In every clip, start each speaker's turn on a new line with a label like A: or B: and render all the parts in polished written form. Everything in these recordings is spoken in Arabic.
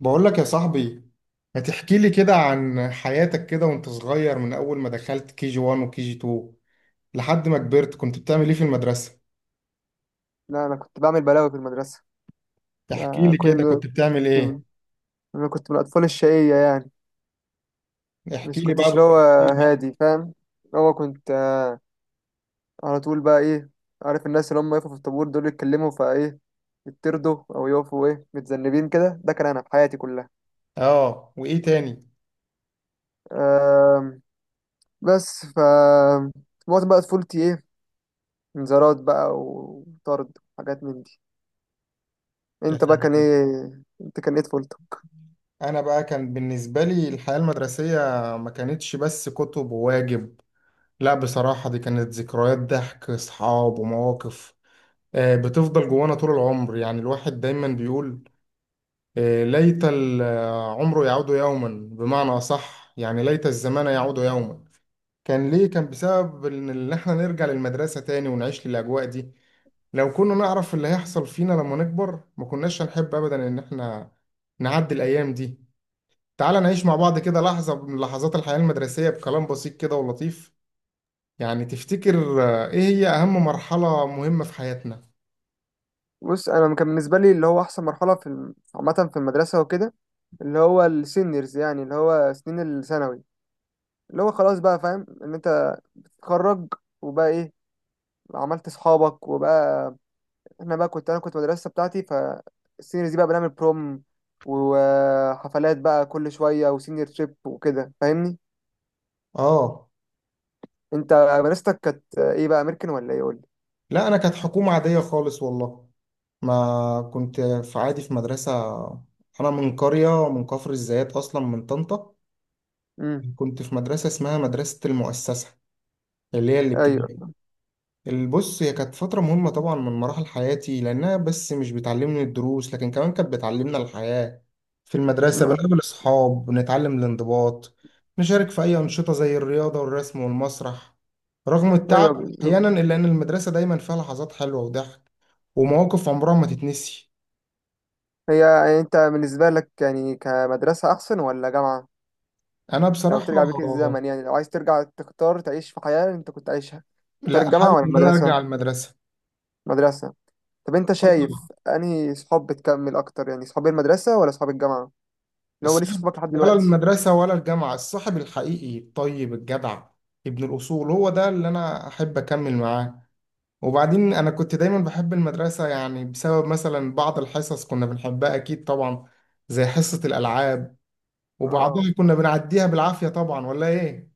A: بقول لك يا صاحبي، ما تحكي لي كده عن حياتك، كده وانت صغير، من اول ما دخلت كي جي 1 وكي جي 2 لحد ما كبرت. كنت بتعمل ايه في المدرسة؟
B: لا، انا كنت بعمل بلاوي في المدرسه.
A: احكي
B: ده
A: لي كده،
B: كل.
A: كنت بتعمل ايه؟
B: كنت انا كنت من الاطفال الشقيه يعني.
A: احكي
B: مش
A: لي بقى
B: كنتش اللي هو،
A: بالتفصيل بقى.
B: هادي فاهم. اللي هو كنت على طول بقى ايه، عارف الناس اللي هم يقفوا في الطابور دول يتكلموا فايه، يتردوا او يقفوا ايه متذنبين كده. ده كان انا في حياتي كلها.
A: اه، وايه تاني؟
B: آم، بس معظم بقى طفولتي ايه، انذارات بقى وطرد وحاجات من دي.
A: يا
B: انت بقى كان
A: سلام.
B: ايه؟ انت كان ايه طفولتك؟
A: انا بقى كان بالنسبة لي الحياة المدرسية ما كانتش بس كتب وواجب. لا، بصراحة دي كانت ذكريات، ضحك، اصحاب ومواقف بتفضل جوانا طول العمر. يعني الواحد دايما بيقول ليت العمر يعود يوما. بمعنى أصح يعني ليت الزمان يعود يوما. كان ليه؟ كان بسبب إن إحنا نرجع للمدرسة تاني ونعيش للأجواء دي. لو كنا نعرف اللي هيحصل فينا لما نكبر ما كناش هنحب أبدا إن إحنا نعدي الأيام دي. تعال نعيش مع بعض كده لحظة من لحظات الحياة المدرسية، بكلام بسيط كده ولطيف. يعني تفتكر، إيه هي أهم مرحلة مهمة في حياتنا؟
B: بص انا كان بالنسبه لي اللي هو احسن مرحله في عامه في المدرسه وكده، اللي هو السينيورز، يعني اللي هو سنين الثانوي. اللي هو خلاص بقى فاهم ان انت تتخرج وبقى ايه، عملت اصحابك وبقى. احنا بقى انا كنت مدرسه بتاعتي فالسينيورز دي بقى بنعمل بروم وحفلات بقى كل شويه وسينيور تريب وكده، فاهمني.
A: آه.
B: انت مدرستك كانت ايه بقى، امريكان ولا ايه؟ قول لي.
A: لا، أنا كانت حكومة عادية خالص والله. ما كنت في عادي في مدرسة. أنا من قرية من كفر الزيات أصلا، من طنطا.
B: امم.
A: كنت في مدرسة اسمها مدرسة المؤسسة، اللي هي
B: ايوه.
A: الابتدائي. البص هي كانت فترة مهمة طبعا من مراحل حياتي، لأنها بس مش بتعلمني الدروس لكن كمان كانت بتعلمنا الحياة. في المدرسة
B: ما-
A: بنقابل أصحاب، بنتعلم الانضباط، نشارك في أي أنشطة زي الرياضة والرسم والمسرح، رغم التعب
B: ايوه بالظبط.
A: أحيانا، إلا إن المدرسة دايما فيها لحظات حلوة وضحك ومواقف عمرها ما تتنسي.
B: هي يعني انت بالنسبه لك يعني كمدرسه احسن ولا جامعه؟
A: انا
B: لو
A: بصراحه،
B: ترجع بيك الزمن، يعني لو عايز ترجع تختار تعيش في حياة انت كنت عايشها، تختار
A: لا،
B: الجامعة
A: حابب
B: ولا
A: ان انا ارجع
B: المدرسة؟
A: المدرسه.
B: مدرسة. طب انت
A: اه طبعا.
B: شايف انهي صحاب بتكمل اكتر، يعني صحاب المدرسة ولا صحاب الجامعة؟ اللي هو لسه
A: الصاحب،
B: صحابك لحد
A: ولا
B: دلوقتي.
A: المدرسه ولا الجامعه، الصاحب الحقيقي الطيب الجدع ابن الاصول هو ده اللي انا احب اكمل معاه. وبعدين انا كنت دايما بحب المدرسه يعني، بسبب مثلا بعض الحصص كنا بنحبها اكيد طبعا، زي حصه الالعاب.
B: اه
A: وبعضها كنا بنعديها بالعافيه طبعا، ولا ايه؟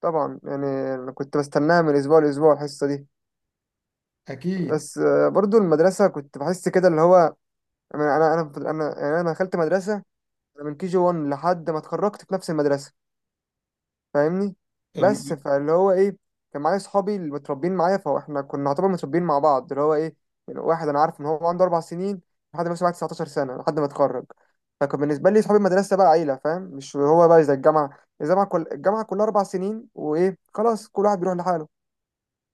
B: طبعا يعني. انا كنت بستناها من اسبوع لاسبوع، الحصة دي.
A: اكيد.
B: بس برضو المدرسة كنت بحس كده اللي هو، انا انا انا انا يعني انا دخلت مدرسة. أنا من كي جي 1 لحد ما اتخرجت في نفس المدرسة، فاهمني. بس
A: الم...
B: فاللي هو ايه، كان معايا صحابي اللي متربيين معايا، فاحنا كنا نعتبر متربيين مع بعض، اللي هو ايه، من واحد انا عارف ان هو عنده اربع سنين لحد ما يبقى 19 سنه، لحد ما اتخرج. فكان بالنسبه لي صحابي المدرسه بقى عيله، فاهم؟ مش هو بقى زي الجامعه. الجامعه، كل الجامعه كلها اربع سنين، وايه خلاص كل واحد بيروح لحاله،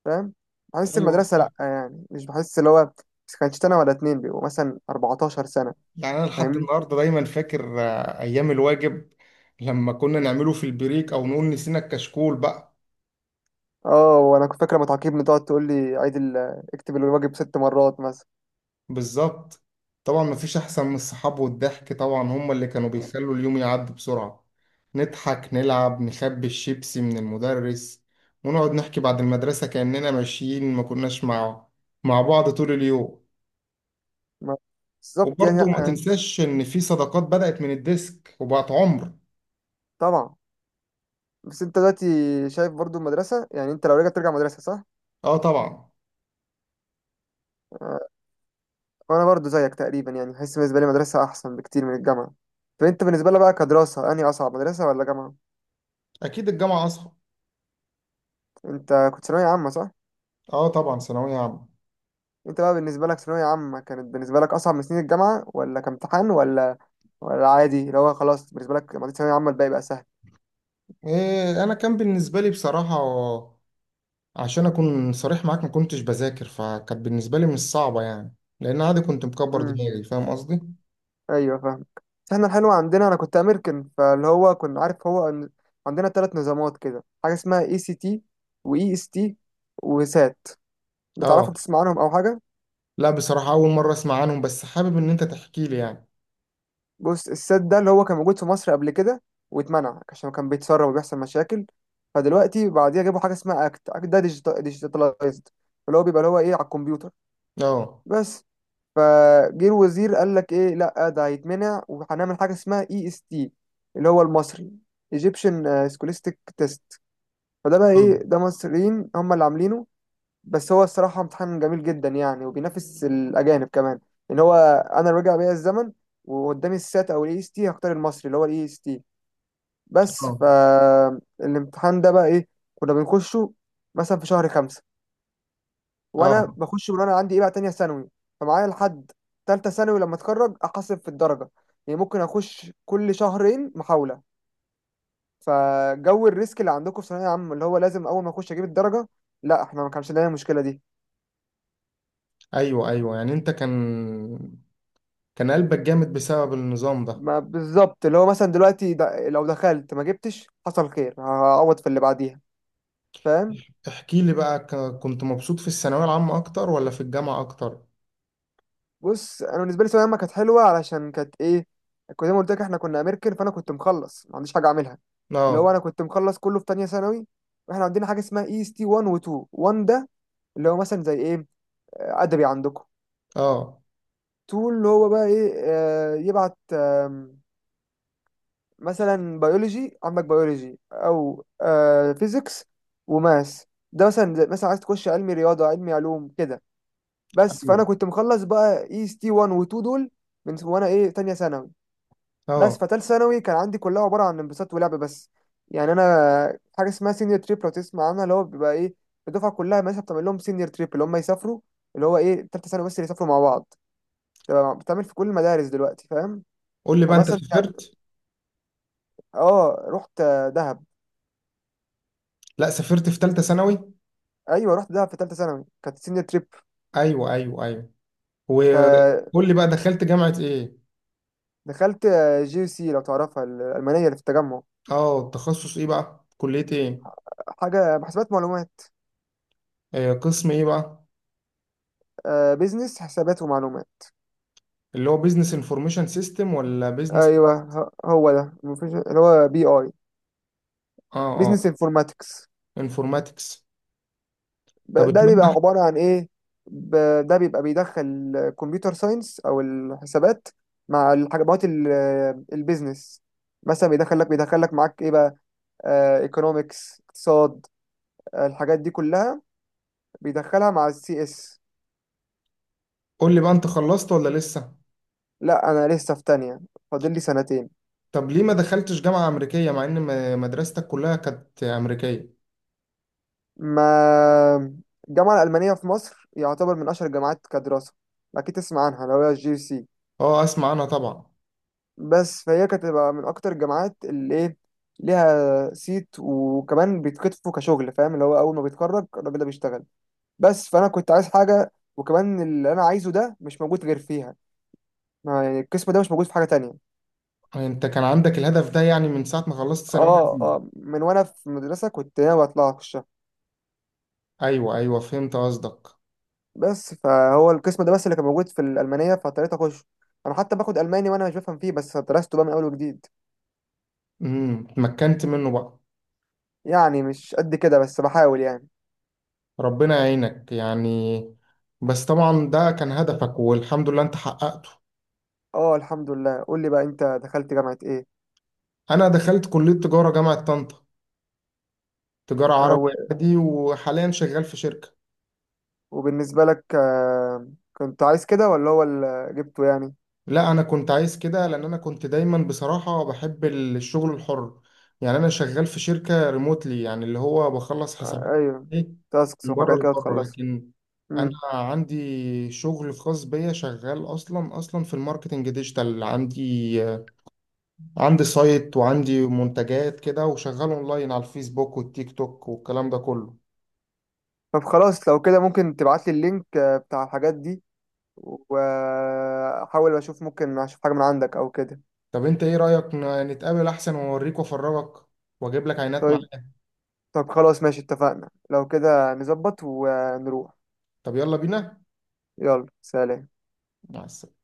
B: فاهم؟ بحس
A: ايوه
B: المدرسه لا، يعني مش بحس اللي هو. بس كانش سنه ولا اتنين، بيبقوا مثلا 14 سنه،
A: يعني، أنا لحد
B: فاهمني.
A: النهاردة دايما فاكر أيام الواجب، لما كنا نعمله في البريك أو نقول نسينا الكشكول بقى.
B: اه. وانا كنت فاكره لما تعاقبني تقعد تقول لي اكتب الواجب ست مرات مثلا.
A: بالظبط. طبعا مفيش أحسن من الصحاب والضحك طبعا، هما اللي كانوا بيخلوا اليوم يعدي بسرعة. نضحك، نلعب، نخبي الشيبسي من المدرس، ونقعد نحكي بعد المدرسة كأننا ماشيين ما كناش مع بعض طول اليوم.
B: ما- بالظبط يعني،
A: وبرضه ما
B: لأ.
A: تنساش إن في صداقات بدأت من الديسك وبقت عمر.
B: طبعا. بس انت دلوقتي شايف برضو المدرسة، يعني انت لو رجعت ترجع مدرسة صح؟
A: آه طبعا.
B: آه، وانا برضو زيك تقريبا يعني، حاسس بالنسبة لي مدرسة احسن بكتير من الجامعة. فانت بالنسبة لك بقى كدراسة انهي اصعب، مدرسة ولا جامعة؟
A: أكيد الجامعة أصعب.
B: انت كنت ثانوية عامة صح؟
A: آه طبعا، ثانوية عامة.
B: انت بقى بالنسبة لك ثانوية عامة كانت بالنسبة لك اصعب من سنين الجامعة ولا كامتحان، ولا ولا عادي اللي هو خلاص بالنسبة لك لما عديت ثانوية عامة الباقي بقى سهل؟
A: إيه، انا كان بالنسبه لي بصراحه، عشان اكون صريح معاك، ما كنتش بذاكر، فكانت بالنسبه لي مش صعبه يعني، لان عادي كنت مكبر دماغي، فاهم قصدي؟
B: ايوه فاهمك. بس احنا الحلو عندنا، انا كنت امريكان، فاللي هو كنا عارف هو إن عندنا ثلاث نظامات كده: حاجه اسمها اي سي تي، واي اس تي، وسات.
A: اه.
B: بتعرفوا؟ بتسمع عنهم او حاجه؟
A: لا بصراحه اول مره اسمع عنهم، بس حابب ان انت تحكي لي يعني.
B: بص السات ده اللي هو كان موجود في مصر قبل كده واتمنع عشان كان بيتسرب وبيحصل مشاكل. فدلوقتي بعديها جابوا حاجه اسمها اكت. اكت ده ديجيتالايزد، اللي هو بيبقى اللي هو ايه، على الكمبيوتر.
A: اه،
B: بس فجه الوزير قال لك ايه، لا ده هيتمنع وهنعمل حاجه اسمها اي اس تي، اللي هو المصري: Egyptian Scholastic Test. فده بقى
A: اه،
B: ايه، ده مصريين هم اللي عاملينه. بس هو الصراحة امتحان جميل جدا يعني، وبينافس الأجانب كمان. إن هو، أنا رجع بيا الزمن وقدامي السات أو الإي إس تي هختار المصري اللي هو الإي إس تي. بس
A: اه،
B: فالامتحان ده بقى إيه، كنا بنخشه مثلا في شهر خمسة،
A: آه.
B: وأنا بخش من وأنا عندي إيه بقى تانية ثانوي، فمعايا لحد تالتة ثانوي لما أتخرج أحاسب في الدرجة. يعني ممكن أخش كل شهرين محاولة. فجو الريسك اللي عندكم في ثانويه عامه، اللي هو لازم اول ما اخش اجيب الدرجه، لا احنا ما كانش لنا المشكله دي.
A: ايوه ايوه، يعني انت كان قلبك جامد بسبب النظام ده.
B: ما بالظبط. اللي هو مثلا دلوقتي لو دخلت ما جبتش، حصل خير، هعوض في اللي بعديها، فاهم.
A: احكي لي بقى، كنت مبسوط في الثانويه العامه اكتر ولا في الجامعه اكتر؟
B: بص انا بالنسبه لي ثانويه عامه كانت حلوه علشان كانت ايه، كنت زي ما قلت لك احنا كنا امريكان، فانا كنت مخلص ما عنديش حاجه اعملها. اللي هو
A: اه
B: انا كنت مخلص كله في تانية ثانوي. واحنا عندنا حاجه اسمها اي اس تي 1 و 2. 1 ده اللي هو مثلا زي ايه، ادبي عندكم.
A: اه
B: 2 اللي هو بقى ايه، يبعت مثلا بيولوجي عندك، بيولوجي او آه فيزيكس وماس، ده مثلا مثلا عايز تخش علمي رياضه، علمي علوم كده. بس
A: ايوه
B: فانا كنت مخلص بقى اي اس تي 1 و 2 دول من وانا ايه تانية ثانوي. بس
A: اه.
B: فتالت ثانوي كان عندي كلها عباره عن انبساط ولعب بس. يعني انا، حاجه اسمها سينيور تريب لو تسمع عنها، اللي هو بيبقى ايه، الدفعه كلها مثلا بتعمل لهم سينيور تريب، اللي هم يسافروا اللي هو ايه تالتة ثانوي بس، اللي يسافروا مع بعض. تبقى بتعمل في كل المدارس دلوقتي، فاهم.
A: قول لي بقى، انت
B: فمثلا يعني،
A: سافرت؟
B: اه رحت دهب.
A: لا سافرت في ثالثه ثانوي.
B: ايوه رحت دهب في ثالثه ثانوي، كانت سينيور تريب.
A: ايوه ايوه ايوه.
B: فدخلت
A: وقول لي بقى، دخلت جامعة ايه؟
B: جي سي، لو تعرفها الالمانيه اللي في التجمع.
A: اه، تخصص ايه بقى، كلية ايه؟
B: حاجه حسابات معلومات،
A: آه، قسم ايه بقى؟
B: بيزنس حسابات ومعلومات.
A: اللي هو بيزنس انفورميشن سيستم ولا بيزنس؟
B: ايوه. هو ده مفيش، اللي هو بي اي
A: اه اه،
B: بيزنس انفورماتكس.
A: انفورماتكس. طب
B: ده بيبقى
A: اتمنى.
B: عباره عن ايه، ده بيبقى بيدخل كمبيوتر ساينس او الحسابات مع الحاجات البيزنس. مثلا بيدخل لك معاك ايه بقى، ايكونومكس، اقتصاد، الحاجات دي كلها بيدخلها مع السي اس.
A: قول لي بقى، انت خلصت ولا لسه؟
B: لا انا لسه في تانية، فاضل لي سنتين.
A: طب ليه ما دخلتش جامعة امريكية مع ان مدرستك كلها كانت امريكية؟
B: ما الجامعة الألمانية في مصر يعتبر من أشهر الجامعات كدراسة، أكيد تسمع عنها لو هي الجي سي.
A: اه اسمع عنها طبعا.
B: بس فهي كانت تبقى من أكتر الجامعات اللي إيه، ليها صيت، وكمان بيتكتفوا كشغل، فاهم اللي هو أول ما بيتخرج الراجل ده بيشتغل. بس فأنا كنت عايز حاجة، وكمان اللي أنا عايزه ده مش موجود غير فيها. يعني القسم ده مش موجود في حاجة تانية.
A: انت كان عندك الهدف ده يعني من ساعة ما خلصت ثانوية
B: اه
A: عامة؟
B: اه، من وأنا في مدرسة كنت ناوي أطلع.
A: ايوه ايوه فهمت قصدك.
B: بس فهو القسم ده بس اللي كان موجود في الألمانية، فاضطريت أخش. أنا حتى باخد ألماني وأنا مش بفهم فيه، بس درسته بقى من أول وجديد.
A: اتمكنت منه بقى؟
B: يعني مش قد كده بس بحاول يعني.
A: ربنا يعينك يعني. بس طبعا ده كان هدفك، والحمد لله انت حققته.
B: اه الحمد لله. قول لي بقى أنت دخلت جامعة إيه؟
A: انا دخلت كلية تجارة جامعة طنطا، تجارة
B: آه،
A: عربي
B: و-
A: عادي، وحاليا شغال في شركة.
B: وبالنسبة لك كنت عايز كده ولا هو اللي جبته يعني؟
A: لا انا كنت عايز كده، لان انا كنت دايما بصراحة بحب الشغل الحر. يعني انا شغال في شركة ريموتلي، يعني اللي هو بخلص حسابات.
B: أيوه،
A: ايه.
B: تاسكس
A: من بره
B: وحاجات كده
A: لبره،
B: تخلصها.
A: لكن انا
B: مم.
A: عندي شغل خاص بيا، شغال اصلا اصلا في الماركتنج ديجيتال. عندي سايت وعندي منتجات كده، وشغال اونلاين على الفيسبوك والتيك توك والكلام ده كله.
B: طب خلاص لو كده ممكن تبعت لي اللينك بتاع الحاجات دي، وأحاول أشوف ممكن أشوف حاجة من عندك أو كده.
A: طب انت ايه رأيك، نتقابل احسن، واوريك وافرجك واجيب لك عينات
B: طيب.
A: معايا.
B: طب خلاص ماشي، اتفقنا، لو كده نظبط ونروح.
A: طب يلا بينا.
B: يلا، سلام.
A: مع السلامة.